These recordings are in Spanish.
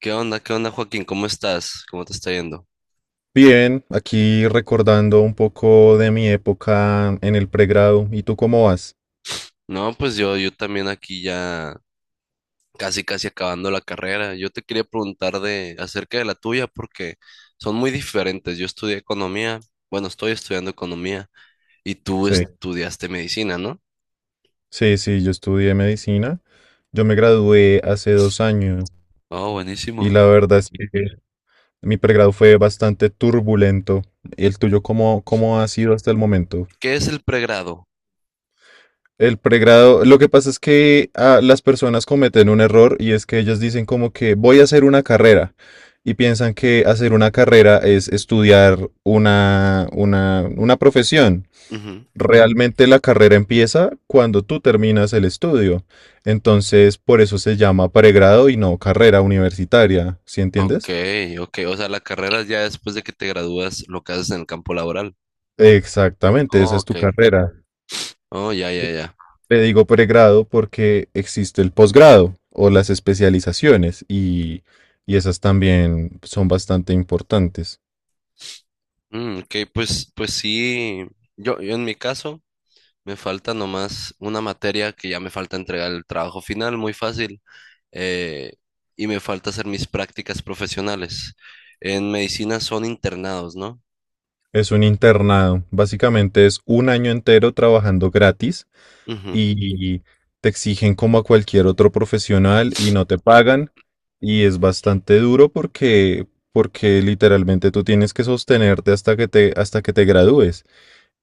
¿Qué onda? ¿Qué onda, Joaquín? ¿Cómo estás? ¿Cómo te está yendo? Bien, aquí recordando un poco de mi época en el pregrado. ¿Y tú cómo vas? No, pues yo también aquí ya casi, casi acabando la carrera. Yo te quería preguntar de acerca de la tuya porque son muy diferentes. Yo estudié economía, bueno, estoy estudiando economía y tú Sí, estudiaste medicina, ¿no? sí, sí, yo estudié medicina. Yo me gradué hace 2 años Oh, y buenísimo. la verdad es que mi pregrado fue bastante turbulento. ¿El tuyo cómo ha sido hasta el momento? ¿Qué es el pregrado? El pregrado, lo que pasa es que las personas cometen un error y es que ellas dicen como que voy a hacer una carrera y piensan que hacer una carrera es estudiar una profesión. Ujú. Realmente la carrera empieza cuando tú terminas el estudio. Entonces, por eso se llama pregrado y no carrera universitaria, ¿sí Ok, entiendes? ok. O sea, la carrera ya después de que te gradúas, lo que haces en el campo laboral. Exactamente, esa Oh, es ok. tu carrera. Oh, ya, ya, ya. Le digo pregrado porque existe el posgrado o las especializaciones y esas también son bastante importantes. Mm, ok, pues, pues sí. Yo en mi caso. Me falta nomás una materia que ya me falta entregar el trabajo final, muy fácil. eh, y me falta hacer mis prácticas profesionales. En medicina son internados, ¿no? Es un internado. Básicamente es un año entero trabajando gratis Ujú. y te exigen como a cualquier otro profesional y no te pagan. Y es bastante duro porque literalmente tú tienes que sostenerte hasta que te gradúes.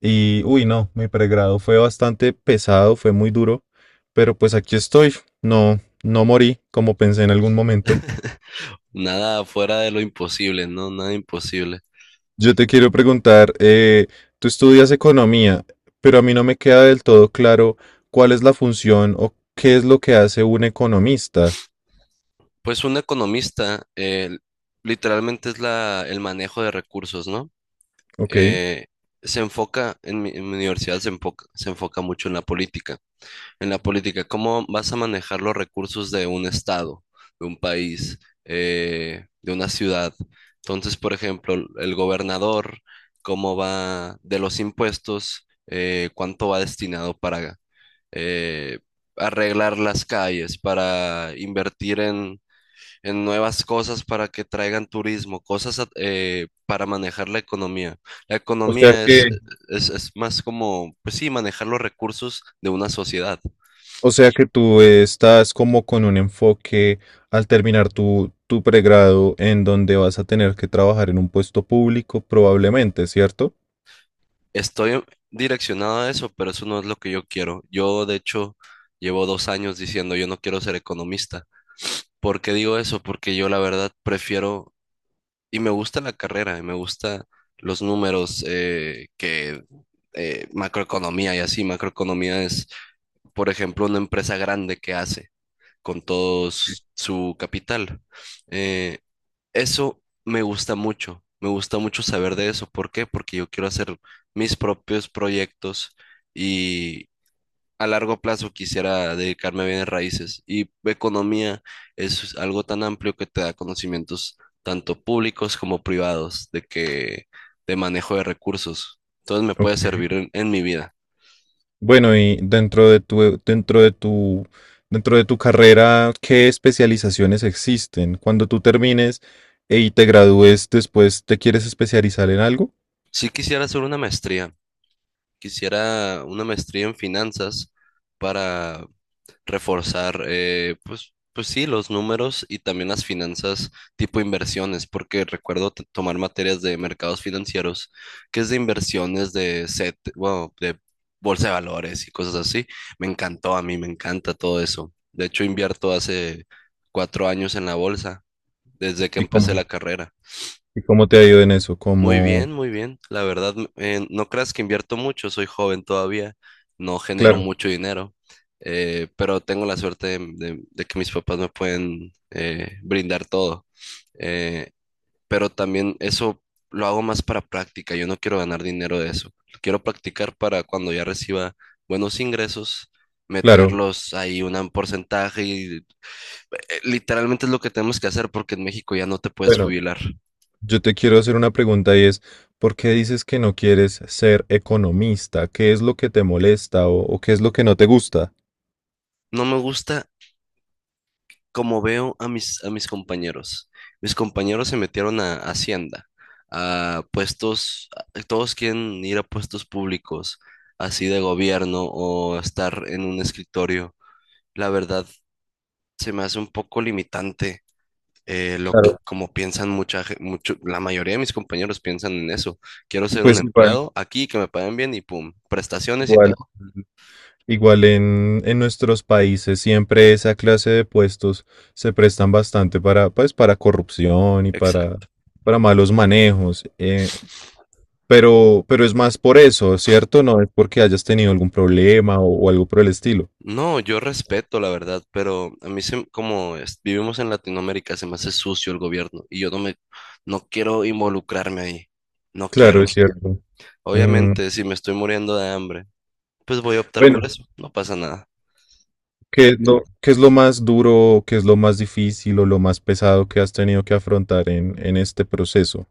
Y uy, no, mi pregrado fue bastante pesado, fue muy duro, pero pues aquí estoy. No, no morí como pensé en algún momento. Nada fuera de lo imposible, ¿no? Nada imposible. Yo te quiero preguntar, tú estudias economía, pero a mí no me queda del todo claro cuál es la función o qué es lo que hace un economista, Pues un economista literalmente es la, el manejo de recursos, ¿no? ¿ok? Eh, Se enfoca, en mi universidad se enfoca mucho en la política. En la política, ¿cómo vas a manejar los recursos de un estado, de un país, de una ciudad? Entonces, por ejemplo, el gobernador, ¿cómo va de los impuestos? ¿Cuánto va destinado para eh, arreglar las calles, para invertir en nuevas cosas para que traigan turismo, cosas para manejar la economía? La O sea economía que, es más como, pues sí, manejar los recursos de una sociedad. o sea que tú estás como con un enfoque al terminar tu pregrado en donde vas a tener que trabajar en un puesto público probablemente, ¿cierto? Estoy direccionado a eso, pero eso no es lo que yo quiero. Yo, de hecho, llevo 2 años diciendo yo no quiero ser economista. ¿Por qué digo eso? Porque yo la verdad prefiero y me gusta la carrera, y me gusta los números que macroeconomía y así. Macroeconomía es, por ejemplo, una empresa grande que hace con todo su capital. Eh, Eso me gusta mucho saber de eso. ¿Por qué? Porque yo quiero hacer mis propios proyectos y a largo plazo quisiera dedicarme a bienes raíces. Y economía es algo tan amplio que te da conocimientos tanto públicos como privados de que de manejo de recursos. Entonces me Ok. puede servir en mi vida. Bueno, y dentro de tu, dentro de tu, dentro de tu carrera, ¿qué especializaciones existen? Cuando tú termines y te gradúes después, ¿te quieres especializar en algo? Sí quisiera hacer una maestría, quisiera una maestría en finanzas para reforzar, pues, pues sí, los números y también las finanzas tipo inversiones, porque recuerdo tomar materias de mercados financieros, que es de inversiones de set, bueno, de bolsa de valores y cosas así. Me encantó a mí, me encanta todo eso. De hecho, invierto hace 4 años en la bolsa, desde que ¿Y empecé la cómo, carrera. y cómo te ha ido en eso? Muy Como, bien, muy bien. La verdad, no creas que invierto mucho, soy joven todavía, no genero claro, mucho dinero, pero tengo la suerte de, de que mis papás me pueden brindar todo. Eh, pero también eso lo hago más para práctica, yo no quiero ganar dinero de eso. Quiero practicar para cuando ya reciba buenos ingresos, claro. meterlos ahí un porcentaje y literalmente es lo que tenemos que hacer porque en México ya no te puedes Bueno, jubilar. yo te quiero hacer una pregunta y es, ¿por qué dices que no quieres ser economista? ¿Qué es lo que te molesta o qué es lo que no te gusta? No me gusta como veo a mis compañeros. Mis compañeros se metieron a Hacienda, a puestos, todos quieren ir a puestos públicos, así de gobierno o estar en un escritorio. La verdad, se me hace un poco limitante lo que, Claro. como piensan mucha, mucho, la mayoría de mis compañeros piensan en eso. Quiero Y ser un pues igual, empleado aquí, que me paguen bien y pum, prestaciones y igual. todo. Igual en nuestros países siempre esa clase de puestos se prestan bastante pues, para corrupción y para, Exacto. para malos manejos. Pero es más por eso, ¿cierto? No es porque hayas tenido algún problema o algo por el estilo. No, yo respeto la verdad, pero a mí se, como vivimos en Latinoamérica se me hace sucio el gobierno y yo no me, no quiero involucrarme ahí, no Claro, es quiero. cierto. Mm, Obviamente, si me estoy muriendo de hambre, pues voy a optar por bueno, eso, no pasa nada. ¿qué es lo más duro, qué es lo más difícil o lo más pesado que has tenido que afrontar en este proceso?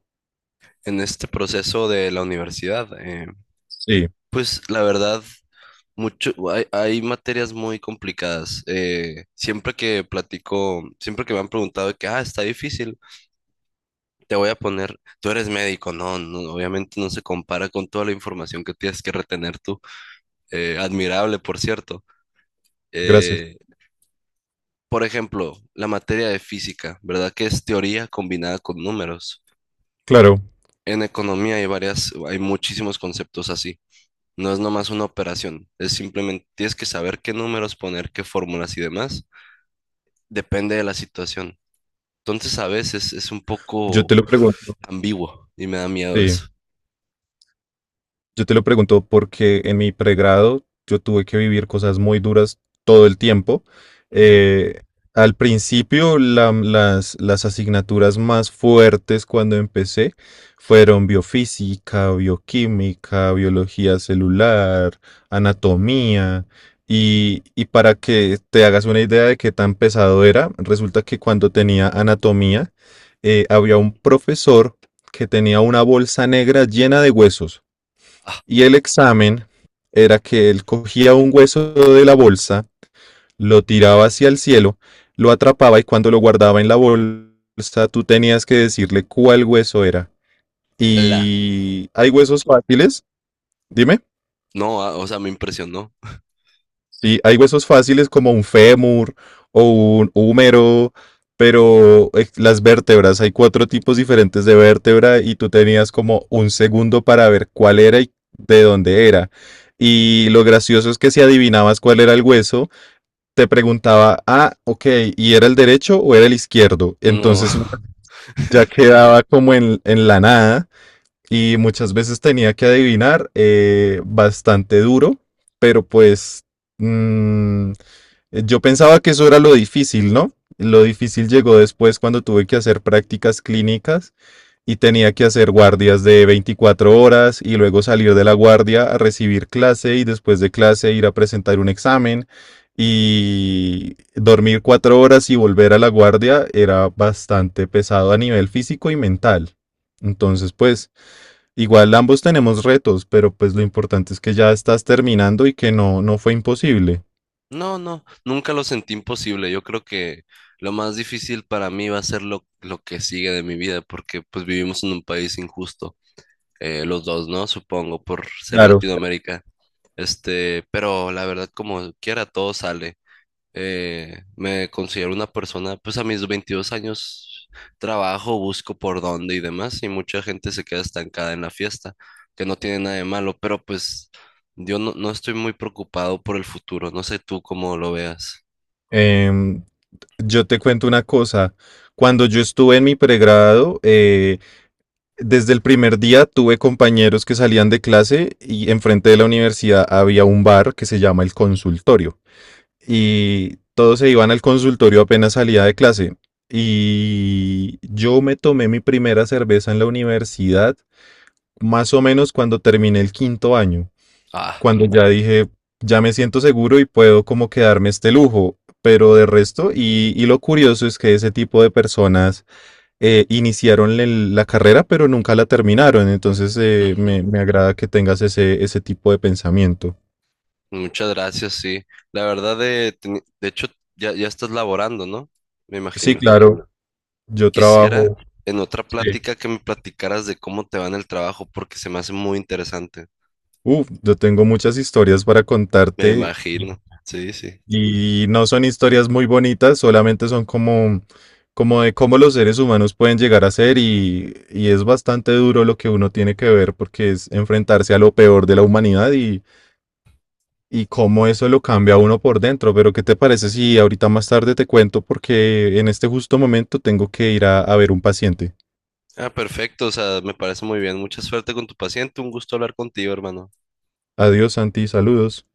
En este proceso de la universidad, Sí, pues la verdad, mucho, hay materias muy complicadas. Siempre que platico, siempre que me han preguntado de que, ah, está difícil. Te voy a poner, tú eres médico, no, no, obviamente no se compara con toda la información que tienes que retener tú. Admirable, por cierto. gracias. Eh, por ejemplo, la materia de física, ¿verdad? Que es teoría combinada con números. Claro, En economía hay varias, hay muchísimos conceptos así. No es nomás una operación, es simplemente tienes que saber qué números poner, qué fórmulas y demás. Depende de la situación. Entonces a veces es un yo te poco lo pregunto. ambiguo y me da miedo Sí. eso. Yo te lo pregunto porque en mi pregrado yo tuve que vivir cosas muy duras todo el tiempo. Ujú. Eh, Al principio las asignaturas más fuertes cuando empecé fueron biofísica, bioquímica, biología celular, anatomía. Y para que te hagas una idea de qué tan pesado era, resulta que cuando tenía anatomía, había un profesor que tenía una bolsa negra llena de huesos. Ah, Y el examen era que él cogía un hueso de la bolsa, lo tiraba hacia el cielo, lo atrapaba y cuando lo guardaba en la bolsa, tú tenías que decirle cuál hueso era. ala. Y hay huesos fáciles, dime. No, ah, o sea, me impresionó. Sí, hay huesos fáciles como un fémur o un húmero, pero las vértebras, hay cuatro tipos diferentes de vértebra y tú tenías como un segundo para ver cuál era y de dónde era. Y lo gracioso es que si adivinabas cuál era el hueso, te preguntaba, ah, ok, ¿y era el derecho o era el izquierdo? No, Entonces uno ya quedaba como en la nada y muchas veces tenía que adivinar bastante duro, pero pues mm, Yo pensaba que eso era lo difícil, ¿no? Lo difícil llegó después cuando tuve que hacer prácticas clínicas y tenía que hacer guardias de 24 horas y luego salir de la guardia a recibir clase y después de clase ir a presentar un examen y dormir 4 horas y volver a la guardia era bastante pesado a nivel físico y mental. Entonces, pues, igual ambos tenemos retos, pero pues lo importante es que ya estás terminando y que no, no fue imposible. no, no, nunca lo sentí imposible. Yo creo que lo más difícil para mí va a ser lo que sigue de mi vida, porque pues vivimos en un país injusto, los dos, ¿no? Supongo, por ser Claro. Latinoamérica. Este, pero la verdad, como quiera, todo sale. Me considero una persona, pues a mis 22 años trabajo, busco por dónde y demás, y mucha gente se queda estancada en la fiesta, que no tiene nada de malo, pero pues yo no, no estoy muy preocupado por el futuro, no sé tú cómo lo veas. Em, yo te cuento una cosa. Cuando yo estuve en mi pregrado, desde el primer día tuve compañeros que salían de clase y enfrente de la universidad había un bar que se llama el consultorio. Y todos se iban al consultorio apenas salía de clase. Y yo me tomé mi primera cerveza en la universidad más o menos cuando terminé el quinto año Ah, cuando ya dije, ya me siento seguro y puedo como quedarme este lujo. Pero de resto, y lo curioso es que ese tipo de personas iniciaron la carrera, pero nunca la terminaron. Entonces, ujú. me agrada que tengas ese tipo de pensamiento. Muchas gracias, sí. La verdad, de, de hecho, ya, ya estás laborando, ¿no? Me Sí, imagino. claro, yo Quisiera trabajo. en otra Sí. plática que me platicaras de cómo te va en el trabajo, porque se me hace muy interesante. Uf, yo tengo muchas historias para Me contarte. imagino. Sí, sí. Y no son historias muy bonitas, solamente son como de cómo los seres humanos pueden llegar a ser y es bastante duro lo que uno tiene que ver porque es enfrentarse a lo peor de la humanidad y cómo eso lo cambia a uno por dentro. Pero ¿qué te parece si ahorita más tarde te cuento porque en este justo momento tengo que ir a ver un paciente? Ah, perfecto, o sea, me parece muy bien. Mucha suerte con tu paciente. Un gusto hablar contigo, hermano. Adiós, Santi, saludos.